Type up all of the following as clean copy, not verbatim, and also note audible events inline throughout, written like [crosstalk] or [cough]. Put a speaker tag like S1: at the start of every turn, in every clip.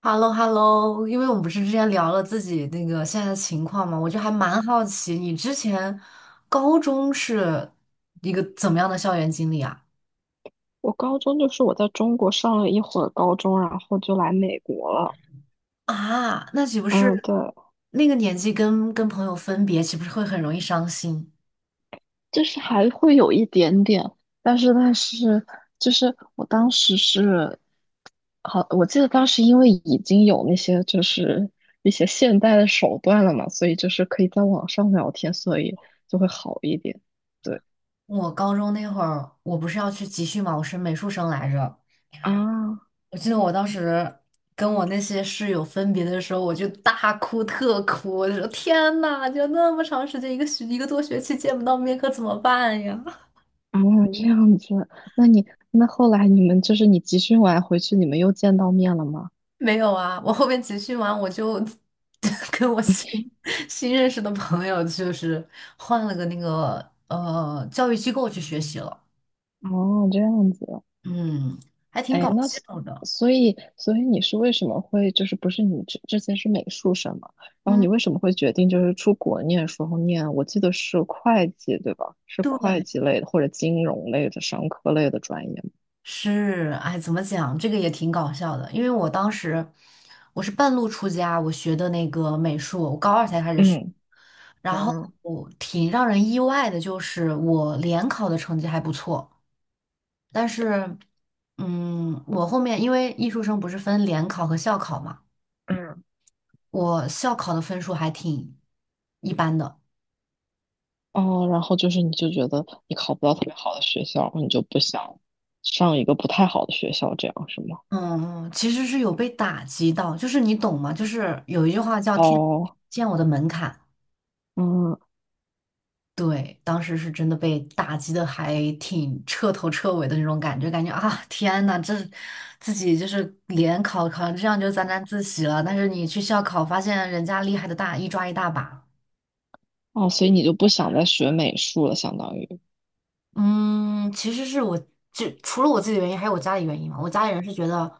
S1: h e l l o， h e l l o， 因为我们不是之前聊了自己那个现在的情况嘛，我就还蛮好奇你之前高中是一个怎么样的校园经历啊？
S2: 我高中就是我在中国上了一会儿高中，然后就来美国了。
S1: 啊，那岂不
S2: 嗯，
S1: 是
S2: 对，
S1: 那个年纪跟朋友分别，岂不是会很容易伤心？
S2: 就是还会有一点点，但是就是我当时是，好，我记得当时因为已经有那些就是一些现代的手段了嘛，所以就是可以在网上聊天，所以就会好一点。对
S1: 我高中那会儿，我不是要去集训嘛，我是美术生来着。
S2: 啊
S1: 我记得我当时跟我那些室友分别的时候，我就大哭特哭，我就说天呐，就那么长时间，一个多学期见不到面，可怎么办呀？
S2: 啊，这样子，那你那后来你们就是你集训完回去，你们又见到面了吗？
S1: 没有啊，我后面集训完我就 [laughs] 跟我新认识的朋友，就是换了个那个教育机构去学习了，
S2: 哦，这样子。
S1: 嗯，还挺
S2: 哎，
S1: 搞
S2: 那所
S1: 笑的。
S2: 所以所以你是为什么会就是不是你之前是美术生嘛？然后
S1: 嗯，
S2: 你为什么会决定就是出国念时候念？我记得是会计对吧？是会
S1: 对，
S2: 计类的或者金融类的商科类的专业
S1: 是，哎，怎么讲，这个也挺搞笑的，因为我当时我是半路出家，我学的那个美术，我高二才开始学，然
S2: 吗？
S1: 后
S2: 嗯嗯
S1: 挺让人意外的，就是我联考的成绩还不错。但是，嗯，我后面因为艺术生不是分联考和校考嘛，
S2: 嗯，
S1: 我校考的分数还挺一般的。
S2: 哦，然后就是你就觉得你考不到特别好的学校，你就不想上一个不太好的学校，这样是吗？
S1: 嗯，其实是有被打击到，就是你懂吗？就是有一句话叫“天
S2: 哦，
S1: 见我的门槛”，
S2: 嗯
S1: 对，当时是真的被打击的还挺彻头彻尾的那种感觉，感觉啊，天呐，这自己就是联考考成这样就沾沾自喜了，但是你去校考发现人家厉害的大一抓一大把。
S2: 哦，所以你就不想再学美术了，相当于。
S1: 嗯，其实是我就除了我自己的原因，还有我家里原因嘛。我家里人是觉得，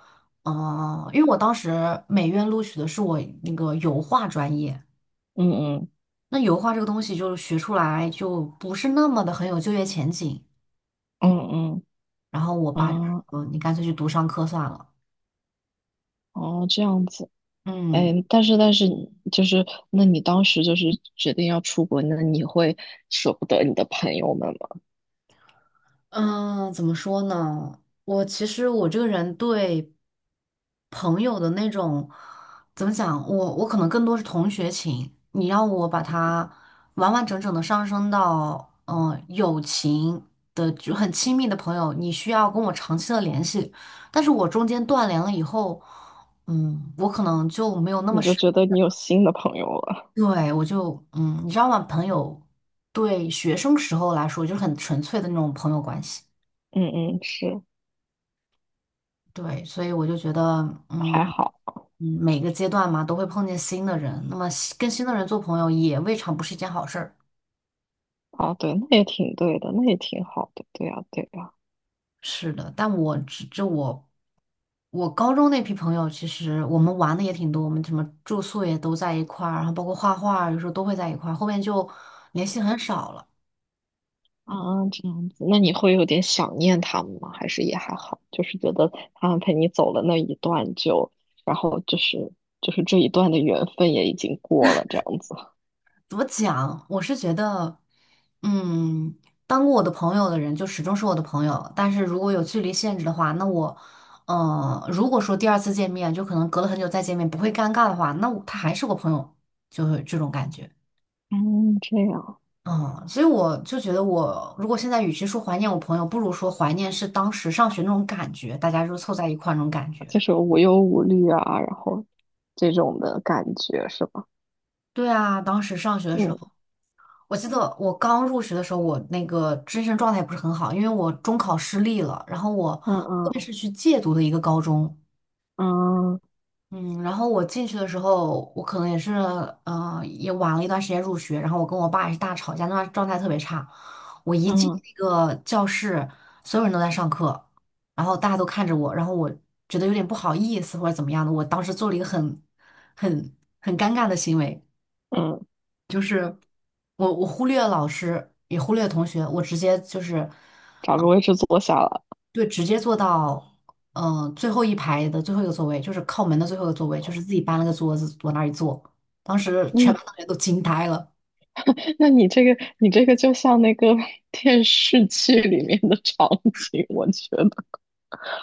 S1: 因为我当时美院录取的是我那个油画专业，
S2: 嗯嗯
S1: 那油画这个东西就是学出来就不是那么的很有就业前景。
S2: 嗯
S1: 然后我爸就
S2: 嗯啊。
S1: 说，你干脆去读商科算了。
S2: 哦，这样子，
S1: 嗯，
S2: 哎，但是你就是那你当时就是决定要出国，那你会舍不得你的朋友们吗？
S1: 嗯，怎么说呢？我其实我这个人对朋友的那种怎么讲，我可能更多是同学情。你让我把他完完整整的上升到友情的就很亲密的朋友，你需要跟我长期的联系。但是我中间断联了以后，嗯，我可能就没有那
S2: 你
S1: 么
S2: 就
S1: 深。
S2: 觉得你有新的朋友了？
S1: 对，我就你知道吗？朋友对学生时候来说就是很纯粹的那种朋友关系。
S2: 嗯嗯，是，
S1: 对，所以我就觉得，嗯
S2: 还
S1: 嗯，
S2: 好
S1: 每个阶段嘛，都会碰见新的人，那么新跟新的人做朋友也未尝不是一件好事儿。
S2: 啊，对，那也挺对的，那也挺好的，对呀对呀，
S1: 是的，但我只这我我高中那批朋友，其实我们玩的也挺多，我们什么住宿也都在一块儿，然后包括画画，有时候都会在一块儿，后面就联系很少了。
S2: 啊，这样子，那你会有点想念他们吗？还是也还好，就是觉得他们陪你走了那一段就，然后就是这一段的缘分也已经过了，这样子。
S1: 怎么讲？我是觉得，嗯，当过我的朋友的人就始终是我的朋友，但是如果有距离限制的话，如果说第二次见面就可能隔了很久再见面不会尴尬的话，那我他还是我朋友，就是这种感觉。
S2: 嗯，这样。
S1: 嗯，所以我就觉得我，如果现在与其说怀念我朋友，不如说怀念是当时上学那种感觉，大家就凑在一块儿那种感觉。
S2: 就是无忧无虑啊，然后这种的感觉是吧？
S1: 对啊，当时上学的时
S2: 嗯
S1: 候。我记得我刚入学的时候，我那个精神状态不是很好，因为我中考失利了，然后我
S2: 嗯
S1: 后
S2: 嗯
S1: 面是去借读的一个高中，
S2: 嗯
S1: 嗯，然后我进去的时候，我可能也是，也晚了一段时间入学，然后我跟我爸也是大吵架，那段状态特别差。我一进
S2: 嗯
S1: 那个教室，所有人都在上课，然后大家都看着我，然后我觉得有点不好意思或者怎么样的，我当时做了一个很尴尬的行为。
S2: 嗯，
S1: 就是。我忽略了老师，也忽略了同学，我直接就是
S2: 找个位置坐下了。
S1: 对，直接坐到最后一排的最后一个座位，就是靠门的最后一个座位，就是自己搬了个桌子往那儿一坐。当时全
S2: 嗯，
S1: 班同学都惊呆了。
S2: 那你这个就像那个 [laughs] 电视剧里面的场景，我觉得，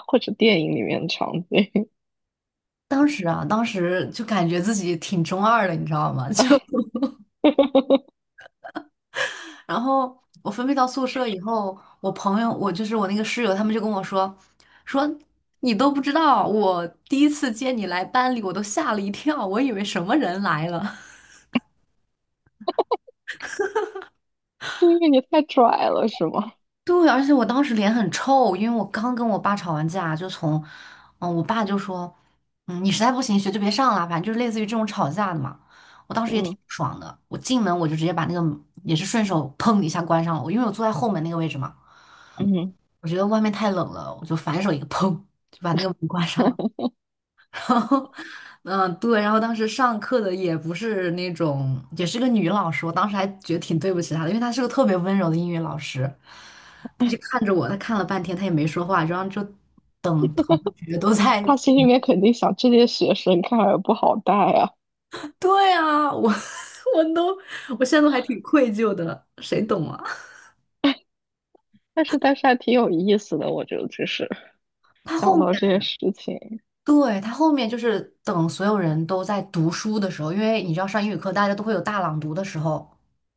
S2: 或者电影里面的场景，
S1: 当时啊，当时就感觉自己挺中二的，你知道吗？[laughs] 就
S2: [laughs]
S1: 然后我分配到宿舍以后，我朋友，我就是我那个室友，他们就跟我说,你都不知道，我第一次接你来班里，我都吓了一跳，我以为什么人来了。
S2: 因为你太拽了，是吗？
S1: 对，而且我当时脸很臭，因为我刚跟我爸吵完架，就从，嗯，我爸就说，嗯，你实在不行学就别上了，反正就是类似于这种吵架的嘛。我当时也挺
S2: 嗯
S1: 不爽的，我进门我就直接把那个也是顺手砰一下关上了，我因为我坐在后门那个位置嘛，
S2: 嗯，
S1: 我觉得外面太冷了，我就反手一个砰就把那个门关上了。
S2: [laughs]
S1: [laughs] 然后，嗯，对，然后当时上课的也不是那种，也是个女老师，我当时还觉得挺对不起她的，因为她是个特别温柔的英语老师，她就看着我，她看了半天，她也没说话，然后就等同学都在，
S2: 他心里面肯定想，这些学生看来不好带啊，
S1: [laughs] 对啊，我 [laughs] 我都，我现在都还挺愧疚的，谁懂啊？
S2: 但是还挺有意思的，我觉得就是
S1: 他
S2: 想
S1: 后面，
S2: 到这些事情，
S1: 对，他后面就是等所有人都在读书的时候，因为你知道上英语课大家都会有大朗读的时候。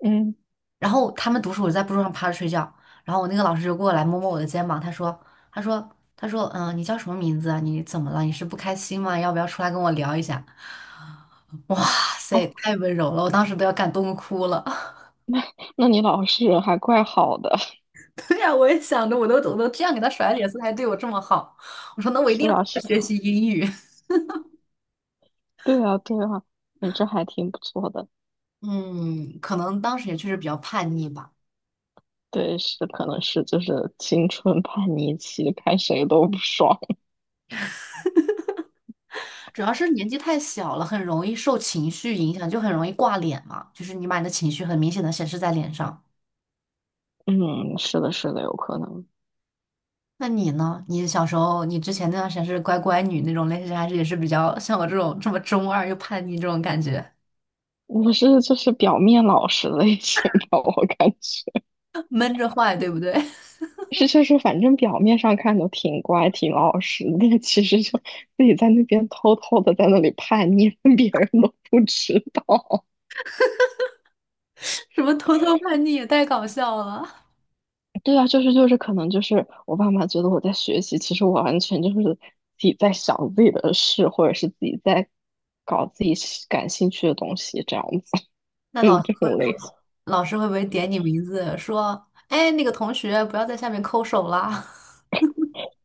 S2: 嗯。
S1: 然后他们读书，我在桌上趴着睡觉，然后我那个老师就过来摸摸我的肩膀，他说，他说,你叫什么名字啊？你怎么了？你是不开心吗？要不要出来跟我聊一下？[laughs] 哇塞，
S2: 哦，
S1: 太温柔了，我当时都要感动哭了。[laughs]
S2: 那你老师人还怪好的。[laughs]
S1: 对呀、我也想着，我都这样给他甩脸色，他还对我这么好，我说那我一
S2: 是
S1: 定要好
S2: 啊，
S1: 好
S2: 是
S1: 学
S2: 啊，
S1: 习英语。[laughs]
S2: 对啊，对啊，你这还挺不错的。
S1: 嗯，可能当时也确实比较叛逆吧，
S2: 对，是，可能是就是青春叛逆期，看谁都不爽。
S1: 主要是年纪太小了，很容易受情绪影响，就很容易挂脸嘛，就是你把你的情绪很明显的显示在脸上。
S2: [laughs] 嗯，是的，是的，有可能。
S1: 那你呢？你小时候，你之前那段时间是乖乖女那种类型，还是也是比较像我这种这么中二又叛逆这种感觉，
S2: 我是就是表面老实类型吧，我感觉
S1: [laughs] 闷着坏，对不对？[laughs]
S2: 是就是反正表面上看都挺乖挺老实，但其实就自己在那边偷偷的在那里叛逆，[laughs] 别人都不知道。
S1: 什么偷偷叛逆也太搞笑了。
S2: 对啊，就是，可能就是我爸妈觉得我在学习，其实我完全就是自己在想自己的事，或者是自己在搞自己喜感兴趣的东西，这样子。
S1: 那
S2: [laughs]
S1: 老师会不会，老师会不会点你名字说，哎，那个同学不要在下面抠手啦？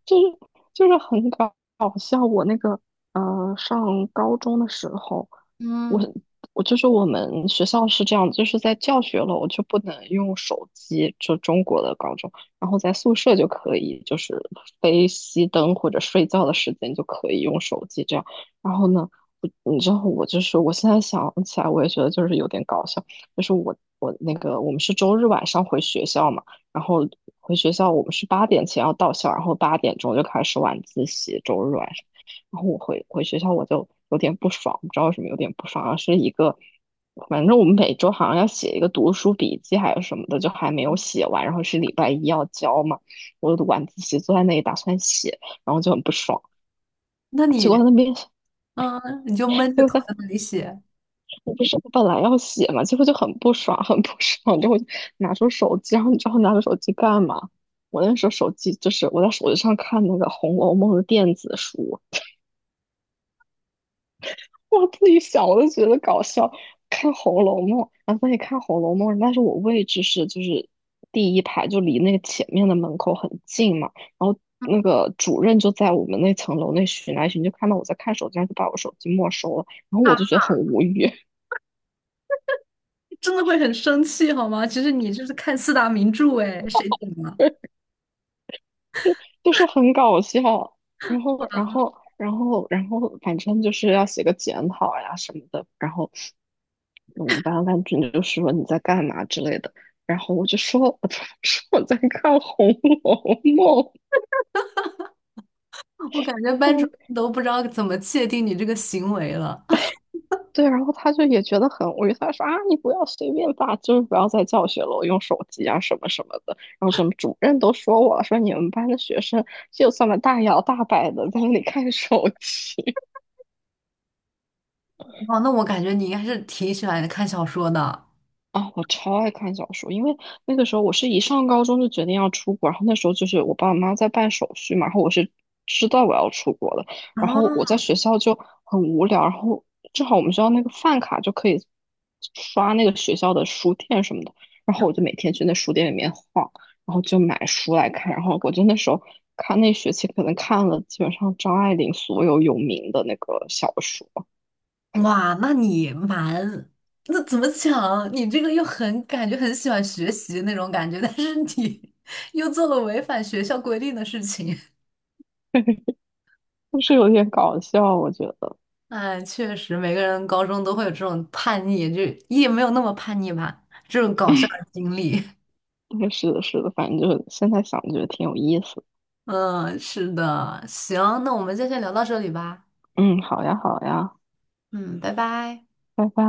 S2: 就是就是很搞笑。我那个上高中的时候，
S1: [laughs]
S2: 我
S1: 嗯，
S2: 我就是我们学校是这样，就是在教学楼就不能用手机，就中国的高中，然后在宿舍就可以，就是非熄灯或者睡觉的时间就可以用手机这样。然后呢，你知道我就是我现在想起来，我也觉得就是有点搞笑，就是我那个我们是周日晚上回学校嘛。然后回学校，我们是八点前要到校，然后8点钟就开始晚自习，周日晚上。然后我回学校，我就有点不爽，不知道为什么有点不爽，是一个，反正我们每周好像要写一个读书笔记还有什么的，就还没有写完，然后是礼拜一要交嘛，我晚自习坐在那里打算写，然后就很不爽，
S1: 那
S2: 结果他
S1: 你，
S2: 那边
S1: 嗯，你就闷着
S2: 就
S1: 头
S2: 在。
S1: 在那里写
S2: 我不是我本来要写嘛，结果就很不爽，很不爽，然后我就拿出手机，然后你知道我拿出手机干嘛？我那时候手机就是我在手机上看那个《红楼梦》的电子书，[laughs] 我自己想我都觉得搞笑，看《红楼梦》，然后在那里看《红楼梦》，但是我位置是就是第一排，就离那个前面的门口很近嘛，然后那个主任就在我们那层楼那巡来巡，就看到我在看手机，然后就把我手机没收了，然后我
S1: 啊，
S2: 就觉得很无语。
S1: 真的会很生气好吗？其实你就是看四大名著，哎，谁懂啊？
S2: [laughs] 就是很搞笑。然后，反正就是要写个检讨呀什么的。然后我们班班主任就说你在干嘛之类的。然后我就说，我就 [laughs] 说我在看《红楼梦》。
S1: 我感觉班主
S2: 嗯，
S1: 任都不知道怎么界定你这个行为了。
S2: 对。然后他就也觉得很无语，他说啊，你不要随便发，就是不要在教学楼用手机啊什么什么的。然后什么主任都说我了，说你们班的学生就这么大摇大摆的在那里看手机。
S1: 哦，那我感觉你应该是挺喜欢看小说的。
S2: 啊，我超爱看小说，因为那个时候我是一上高中就决定要出国，然后那时候就是我爸我妈妈在办手续嘛，然后我是知道我要出国的，
S1: 啊，
S2: 然后我在学校就很无聊，然后正好我们学校那个饭卡就可以刷那个学校的书店什么的，然后我就每天去那书店里面晃，然后就买书来看，然后我就那时候看那学期可能看了基本上张爱玲所有有名的那个小说，
S1: 哇，那怎么讲？你这个又很感觉很喜欢学习那种感觉，[laughs] 但是你 [laughs] 又做了违反学校规定的事情。
S2: [laughs] 就是有点搞笑，我觉得。
S1: 哎，确实，每个人高中都会有这种叛逆，就也没有那么叛逆吧，这种搞笑的经历。
S2: 对，是的，是的，反正就现在想觉得挺有意思。
S1: [laughs] 嗯，是的，行，那我们就先聊到这里吧。
S2: 嗯，好呀，好呀，
S1: 嗯，拜拜。
S2: 拜拜。